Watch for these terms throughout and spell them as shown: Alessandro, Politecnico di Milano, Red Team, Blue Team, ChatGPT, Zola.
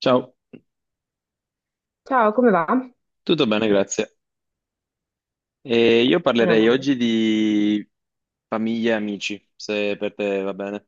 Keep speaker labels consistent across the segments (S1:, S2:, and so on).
S1: Ciao,
S2: Ciao, come va?
S1: tutto bene, grazie. E io
S2: Meno
S1: parlerei
S2: male.
S1: oggi di famiglie e amici, se per te va bene.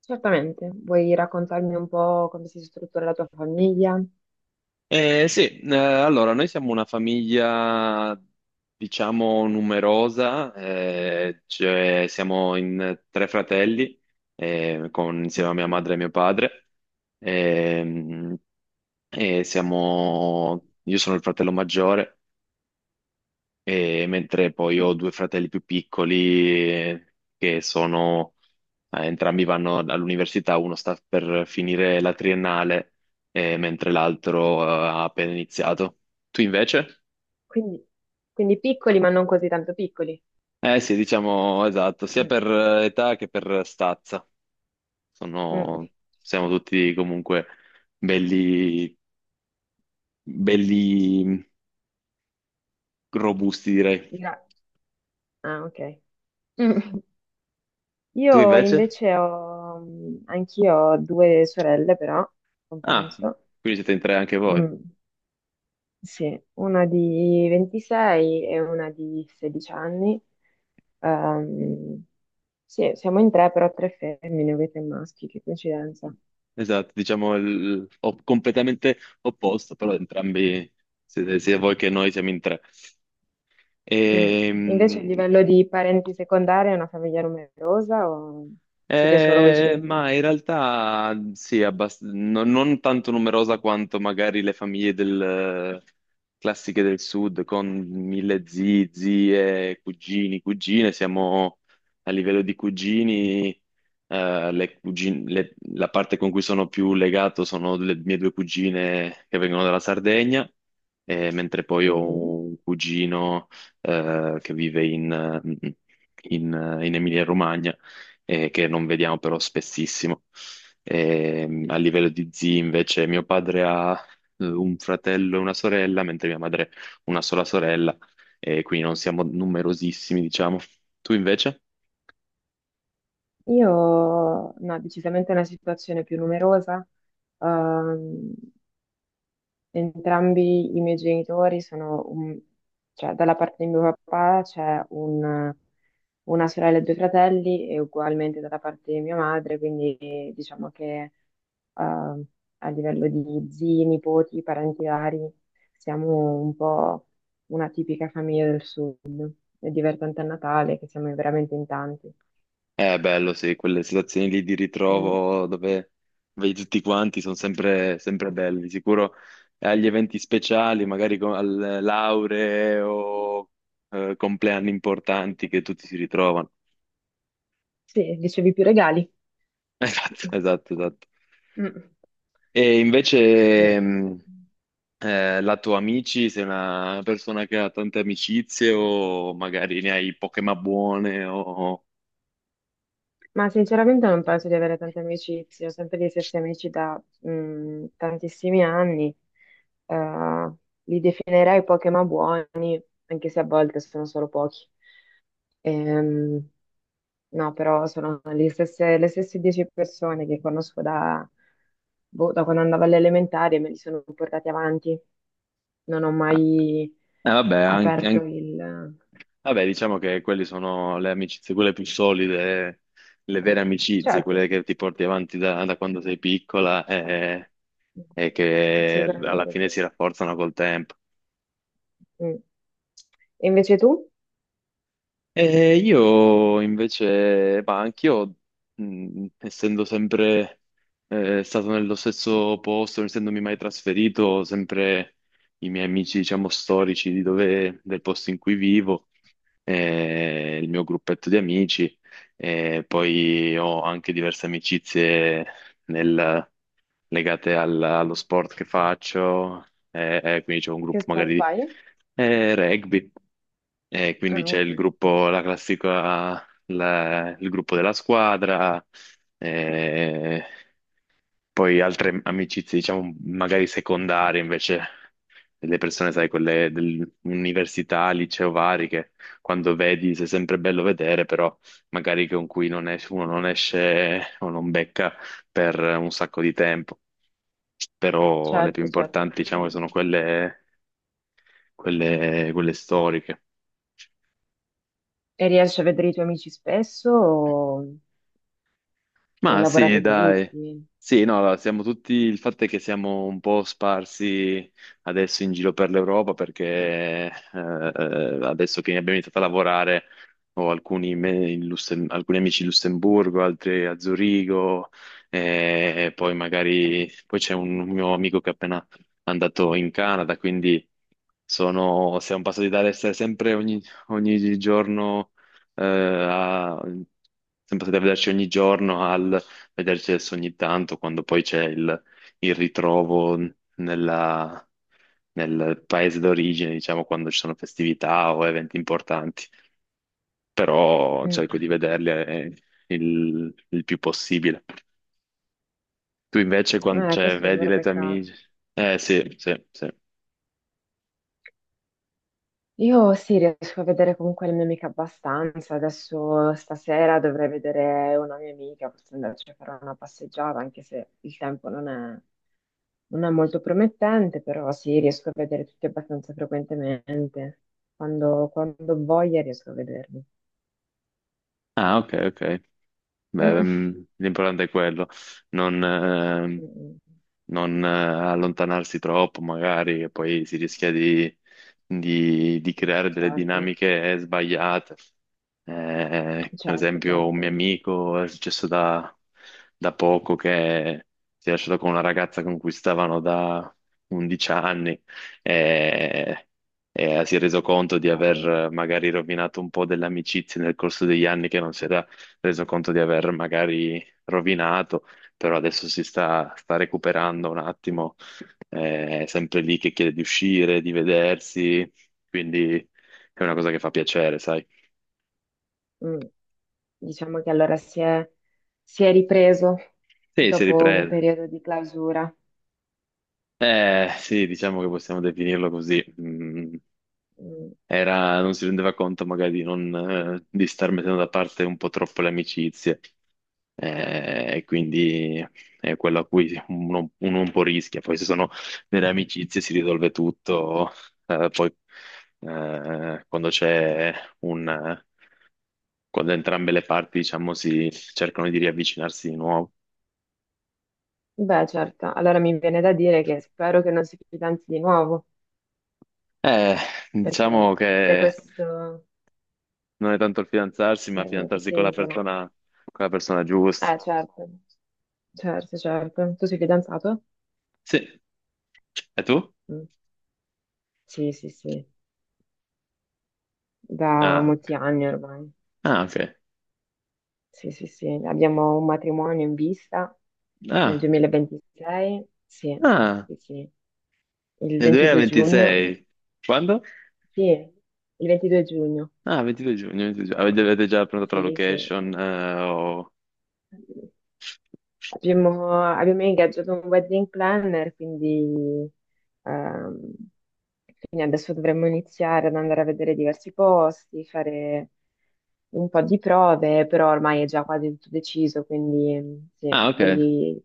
S2: Certamente. Vuoi raccontarmi un po' come si struttura la tua famiglia?
S1: Sì, allora, noi siamo una famiglia, diciamo, numerosa, cioè siamo in tre fratelli, insieme a mia
S2: Mhm.
S1: madre e mio padre. Ehm, io sono il fratello maggiore e mentre poi
S2: Ah,
S1: ho due fratelli più piccoli che sono, entrambi vanno all'università, uno sta per finire la triennale, mentre l'altro, ha appena iniziato. Tu invece?
S2: quindi, piccoli, ma non così tanto piccoli.
S1: Eh sì, diciamo esatto, sia
S2: Mm.
S1: per età che per stazza.
S2: Mm.
S1: Sono, siamo tutti comunque belli, belli, robusti, direi.
S2: Gra- Ah, ok. Mm.
S1: Tu
S2: Io
S1: invece?
S2: invece ho, anch'io ho due sorelle, però,
S1: Ah,
S2: compenso.
S1: quindi siete in tre anche voi.
S2: Mm. Sì, una di 26 e una di 16 anni. Ehm, sì, siamo in tre, però tre femmine, voi tre maschi, che coincidenza.
S1: Esatto, diciamo il, completamente opposto, però entrambi siete, sia voi che noi, siamo in tre.
S2: Mm. Invece a
S1: Ehm,
S2: livello di parenti secondari è una famiglia numerosa o siete solo voi cinque?
S1: Ma in realtà sì, non tanto numerosa quanto magari le famiglie classiche del sud, con mille zii, zie, cugini, cugine. Siamo a livello di cugini, la parte con cui sono più legato sono le mie due cugine che vengono dalla Sardegna, mentre poi ho
S2: Mhm.
S1: un cugino, che vive in Emilia-Romagna, che non vediamo però spessissimo. A livello di zii, invece, mio padre ha un fratello e una sorella, mentre mia madre una sola sorella, e quindi non siamo numerosissimi, diciamo. Tu invece?
S2: Io, no, decisamente una situazione più numerosa. Ehm, Entrambi i miei genitori sono cioè dalla parte di mio papà una sorella e due fratelli e ugualmente dalla parte di mia madre, quindi diciamo che eh, a livello di zii, nipoti, parenti vari siamo un po' una tipica famiglia del sud. È divertente a Natale che siamo veramente in tanti.
S1: È bello, sì, quelle situazioni lì di
S2: Mm,
S1: ritrovo dove vedi tutti quanti sono sempre belli. Di sicuro, eh, agli eventi speciali, magari co- al lauree o compleanni importanti, che tutti si ritrovano.
S2: sì, ricevi più regali.
S1: Esatto, esatto, esatto.
S2: Mm,
S1: E invece,
S2: eh.
S1: lato amici, sei una persona che ha tante amicizie o magari ne hai poche ma buone o...
S2: Ma sinceramente non penso di avere tante amicizie, ho sempre gli stessi amici da tantissimi anni. Eh, li definirei pochi ma buoni, anche se a volte sono solo pochi. Ehm, no, però sono gli le stesse 10 persone che conosco da, boh, da quando andavo alle elementari e me li sono portati avanti. Non ho
S1: Ah,
S2: mai
S1: vabbè, anche-
S2: aperto
S1: anche-
S2: il...
S1: vabbè, diciamo che quelle sono le amicizie, quelle più solide, le vere amicizie,
S2: Certo,
S1: quelle che ti porti avanti da, da quando sei piccola, e che alla
S2: sicuramente sì.
S1: fine si rafforzano col tempo.
S2: Mm. E invece tu
S1: E io invece, ma anch'io, essendo sempre stato nello stesso posto, non essendomi mai trasferito, sempre i miei amici, diciamo, storici di del posto in cui vivo, il mio gruppetto di amici, e poi ho anche diverse amicizie nel- legate allo sport che faccio, quindi c'è un
S2: che
S1: gruppo
S2: sport
S1: magari di
S2: fai?
S1: rugby,
S2: Ah,
S1: quindi c'è
S2: ok,
S1: il gruppo, la classica, il gruppo della squadra, eh, poi altre amicizie, diciamo, magari secondarie invece, delle persone, sai, quelle dell'università, liceo vari, che quando vedi sei sempre bello vedere, però magari con cui non es- uno non esce o non becca per un sacco di tempo. Però le più
S2: certo, certo, ho
S1: importanti, diciamo, sono
S2: presente.
S1: quelle storiche.
S2: E riesci a vedere i tuoi amici spesso o
S1: Ma sì,
S2: lavorate
S1: dai.
S2: tutti?
S1: Sì, no, allora, siamo tutti, il fatto è che siamo un po' sparsi adesso in giro per l'Europa, perché adesso che abbiamo iniziato a lavorare ho alcuni amici in Lussemburgo, altri a Zurigo, e poi magari poi c'è un mio amico che è appena andato in Canada, quindi siamo passati dall'essere sempre ogni, ogni giorno a- sempre da vederci ogni giorno al vederci adesso ogni tanto, quando poi c'è il ritrovo nella- nel paese d'origine, diciamo, quando ci sono festività o eventi importanti. Però
S2: Mm.
S1: cerco di vederli il più possibile. Tu invece, quando, cioè,
S2: Questo è un
S1: vedi
S2: vero
S1: le tue
S2: peccato.
S1: amiche? Eh sì, sì, sì.
S2: Io sì, riesco a vedere comunque la mia amica abbastanza. Adesso stasera dovrei vedere una mia amica, forse andarci a fare una passeggiata, anche se il tempo non è, non è molto promettente, però sì, riesco a vedere tutti abbastanza frequentemente. Quando, quando ho voglia riesco a vederli.
S1: Ah, ok, ok. Beh,
S2: Mm.
S1: mm, l'importante è quello. Non, ehm,
S2: Mm.
S1: non allontanarsi troppo, magari, e poi si rischia di creare delle
S2: Certo,
S1: dinamiche sbagliate. Per
S2: certo,
S1: esempio, un mio
S2: certo.
S1: amico è successo da poco che si è lasciato con una ragazza con cui stavano da 11 anni, e, e si è reso conto di
S2: Cavolo.
S1: aver magari rovinato un po' delle amicizie nel corso degli anni che non si era reso conto di aver magari rovinato, però adesso sta recuperando un attimo, è sempre lì che chiede di uscire, di vedersi, quindi è una cosa che fa piacere, sai?
S2: Mm. Diciamo che allora si è ripreso
S1: Sì, si è
S2: dopo un
S1: ripreso.
S2: periodo di clausura.
S1: Sì, diciamo che possiamo definirlo così. Mm,
S2: Mm.
S1: non si rendeva conto magari di, non, di star mettendo da parte un po' troppo le amicizie, e quindi è quello a cui uno un po' rischia. Poi se sono delle amicizie si risolve tutto, poi quando c'è un... quando entrambe le parti, diciamo, si cercano di riavvicinarsi di nuovo.
S2: Beh, certo, allora mi viene da dire che spero che non si fidanzi di nuovo,
S1: Eh, diciamo
S2: perché se
S1: che
S2: questo...
S1: non è tanto il fidanzarsi, ma
S2: Se che
S1: fidanzarsi
S2: si isola...
S1: con la persona giusta.
S2: Certo, certo, certo. Tu sei fidanzato?
S1: Sì. E tu?
S2: Mm. Sì, sì, sì, da
S1: Ah,
S2: molti
S1: ok.
S2: anni ormai.
S1: Ah, ok.
S2: Sì, sì, sì, abbiamo un matrimonio in vista nel
S1: Ah,
S2: 2026, sì,
S1: ah,
S2: sì, sì, il
S1: nel
S2: 22 giugno,
S1: 2026. Quando?
S2: sì, il 22 giugno,
S1: Ah, 22 giugno, 22 giugno.
S2: siamo-
S1: Avete, avete già prenotato la
S2: sì, sì.
S1: location?
S2: Abbiamo, abbiamo ingaggiato un wedding planner, quindi, ehm, quindi adesso dovremmo iniziare ad andare a vedere diversi posti, fare un po' di prove, però ormai è già quasi tutto deciso, quindi mm, sì.
S1: Ah, ok.
S2: Poi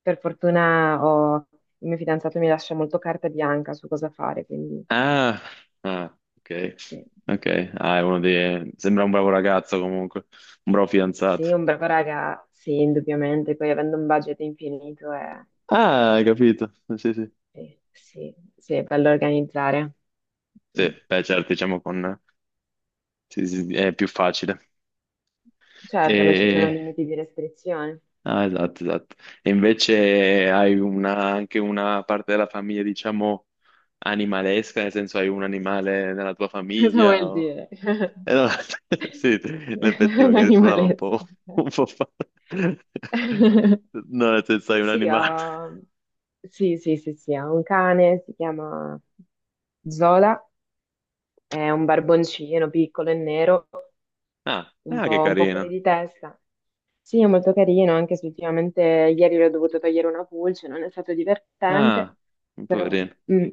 S2: per fortuna il mio fidanzato mi lascia molto carta bianca su cosa fare, quindi
S1: Ah, ah, ok.
S2: sì,
S1: Ok.
S2: sì.
S1: Ah, è uno dei... Sembra un bravo ragazzo comunque, un bravo fidanzato.
S2: Sì, un bravo raga, sì, indubbiamente, poi avendo un budget infinito è.
S1: Ah, hai capito. Sì, sì.
S2: Sì, sì, sì, è bello organizzare.
S1: Sì,
S2: Mm.
S1: beh, certo, diciamo con... sì, sì, sì, è più facile.
S2: Certo, non ci sono
S1: E...
S2: limiti di restrizione.
S1: Ah, esatto, esatto. E invece hai anche una parte della famiglia, diciamo, animalesca, nel senso hai un animale nella tua
S2: Cosa
S1: famiglia?
S2: vuol dire?
S1: No, sì, in effetti magari suonava un
S2: Animalesco.
S1: po', un po' No, nel senso hai un
S2: Sì,
S1: animale.
S2: ho... Sì, sì, sì, sì, ho un cane, si chiama Zola, è un barboncino piccolo e nero,
S1: Ah, ah, che
S2: un po' fuori
S1: carino.
S2: di testa. Sì, è molto carino, anche se ultimamente ieri l'ho dovuto togliere una pulce, non è stato divertente,
S1: Ah, un
S2: però...
S1: poverino.
S2: mm.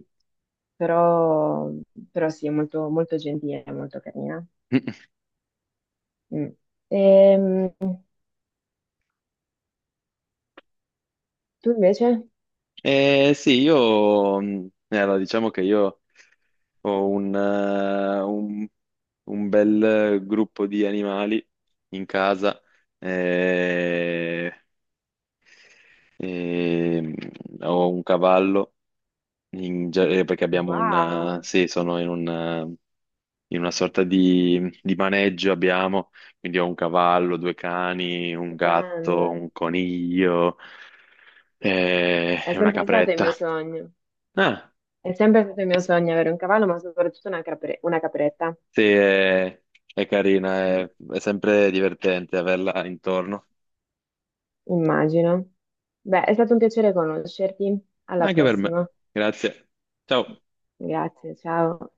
S2: però, però sì, è molto, molto gentile, molto carina. Mm. Ehm, tu invece?
S1: Eh sì, allora, diciamo che ho un bel gruppo di animali in casa, eh, e ho un cavallo, perché abbiamo
S2: Wow,
S1: sì, sono in una sorta di maneggio, abbiamo, quindi ho un cavallo, due cani, un
S2: stupendo.
S1: gatto, un coniglio
S2: È
S1: e una
S2: sempre stato il mio
S1: capretta.
S2: sogno.
S1: Ah,
S2: È sempre stato il mio sogno avere un cavallo, ma soprattutto una, una capretta.
S1: sì, è carina,
S2: Mm,
S1: è sempre divertente averla intorno.
S2: immagino. Beh, è stato un piacere conoscerti. Alla
S1: Anche per me.
S2: prossima.
S1: Grazie. Ciao.
S2: Grazie, ciao.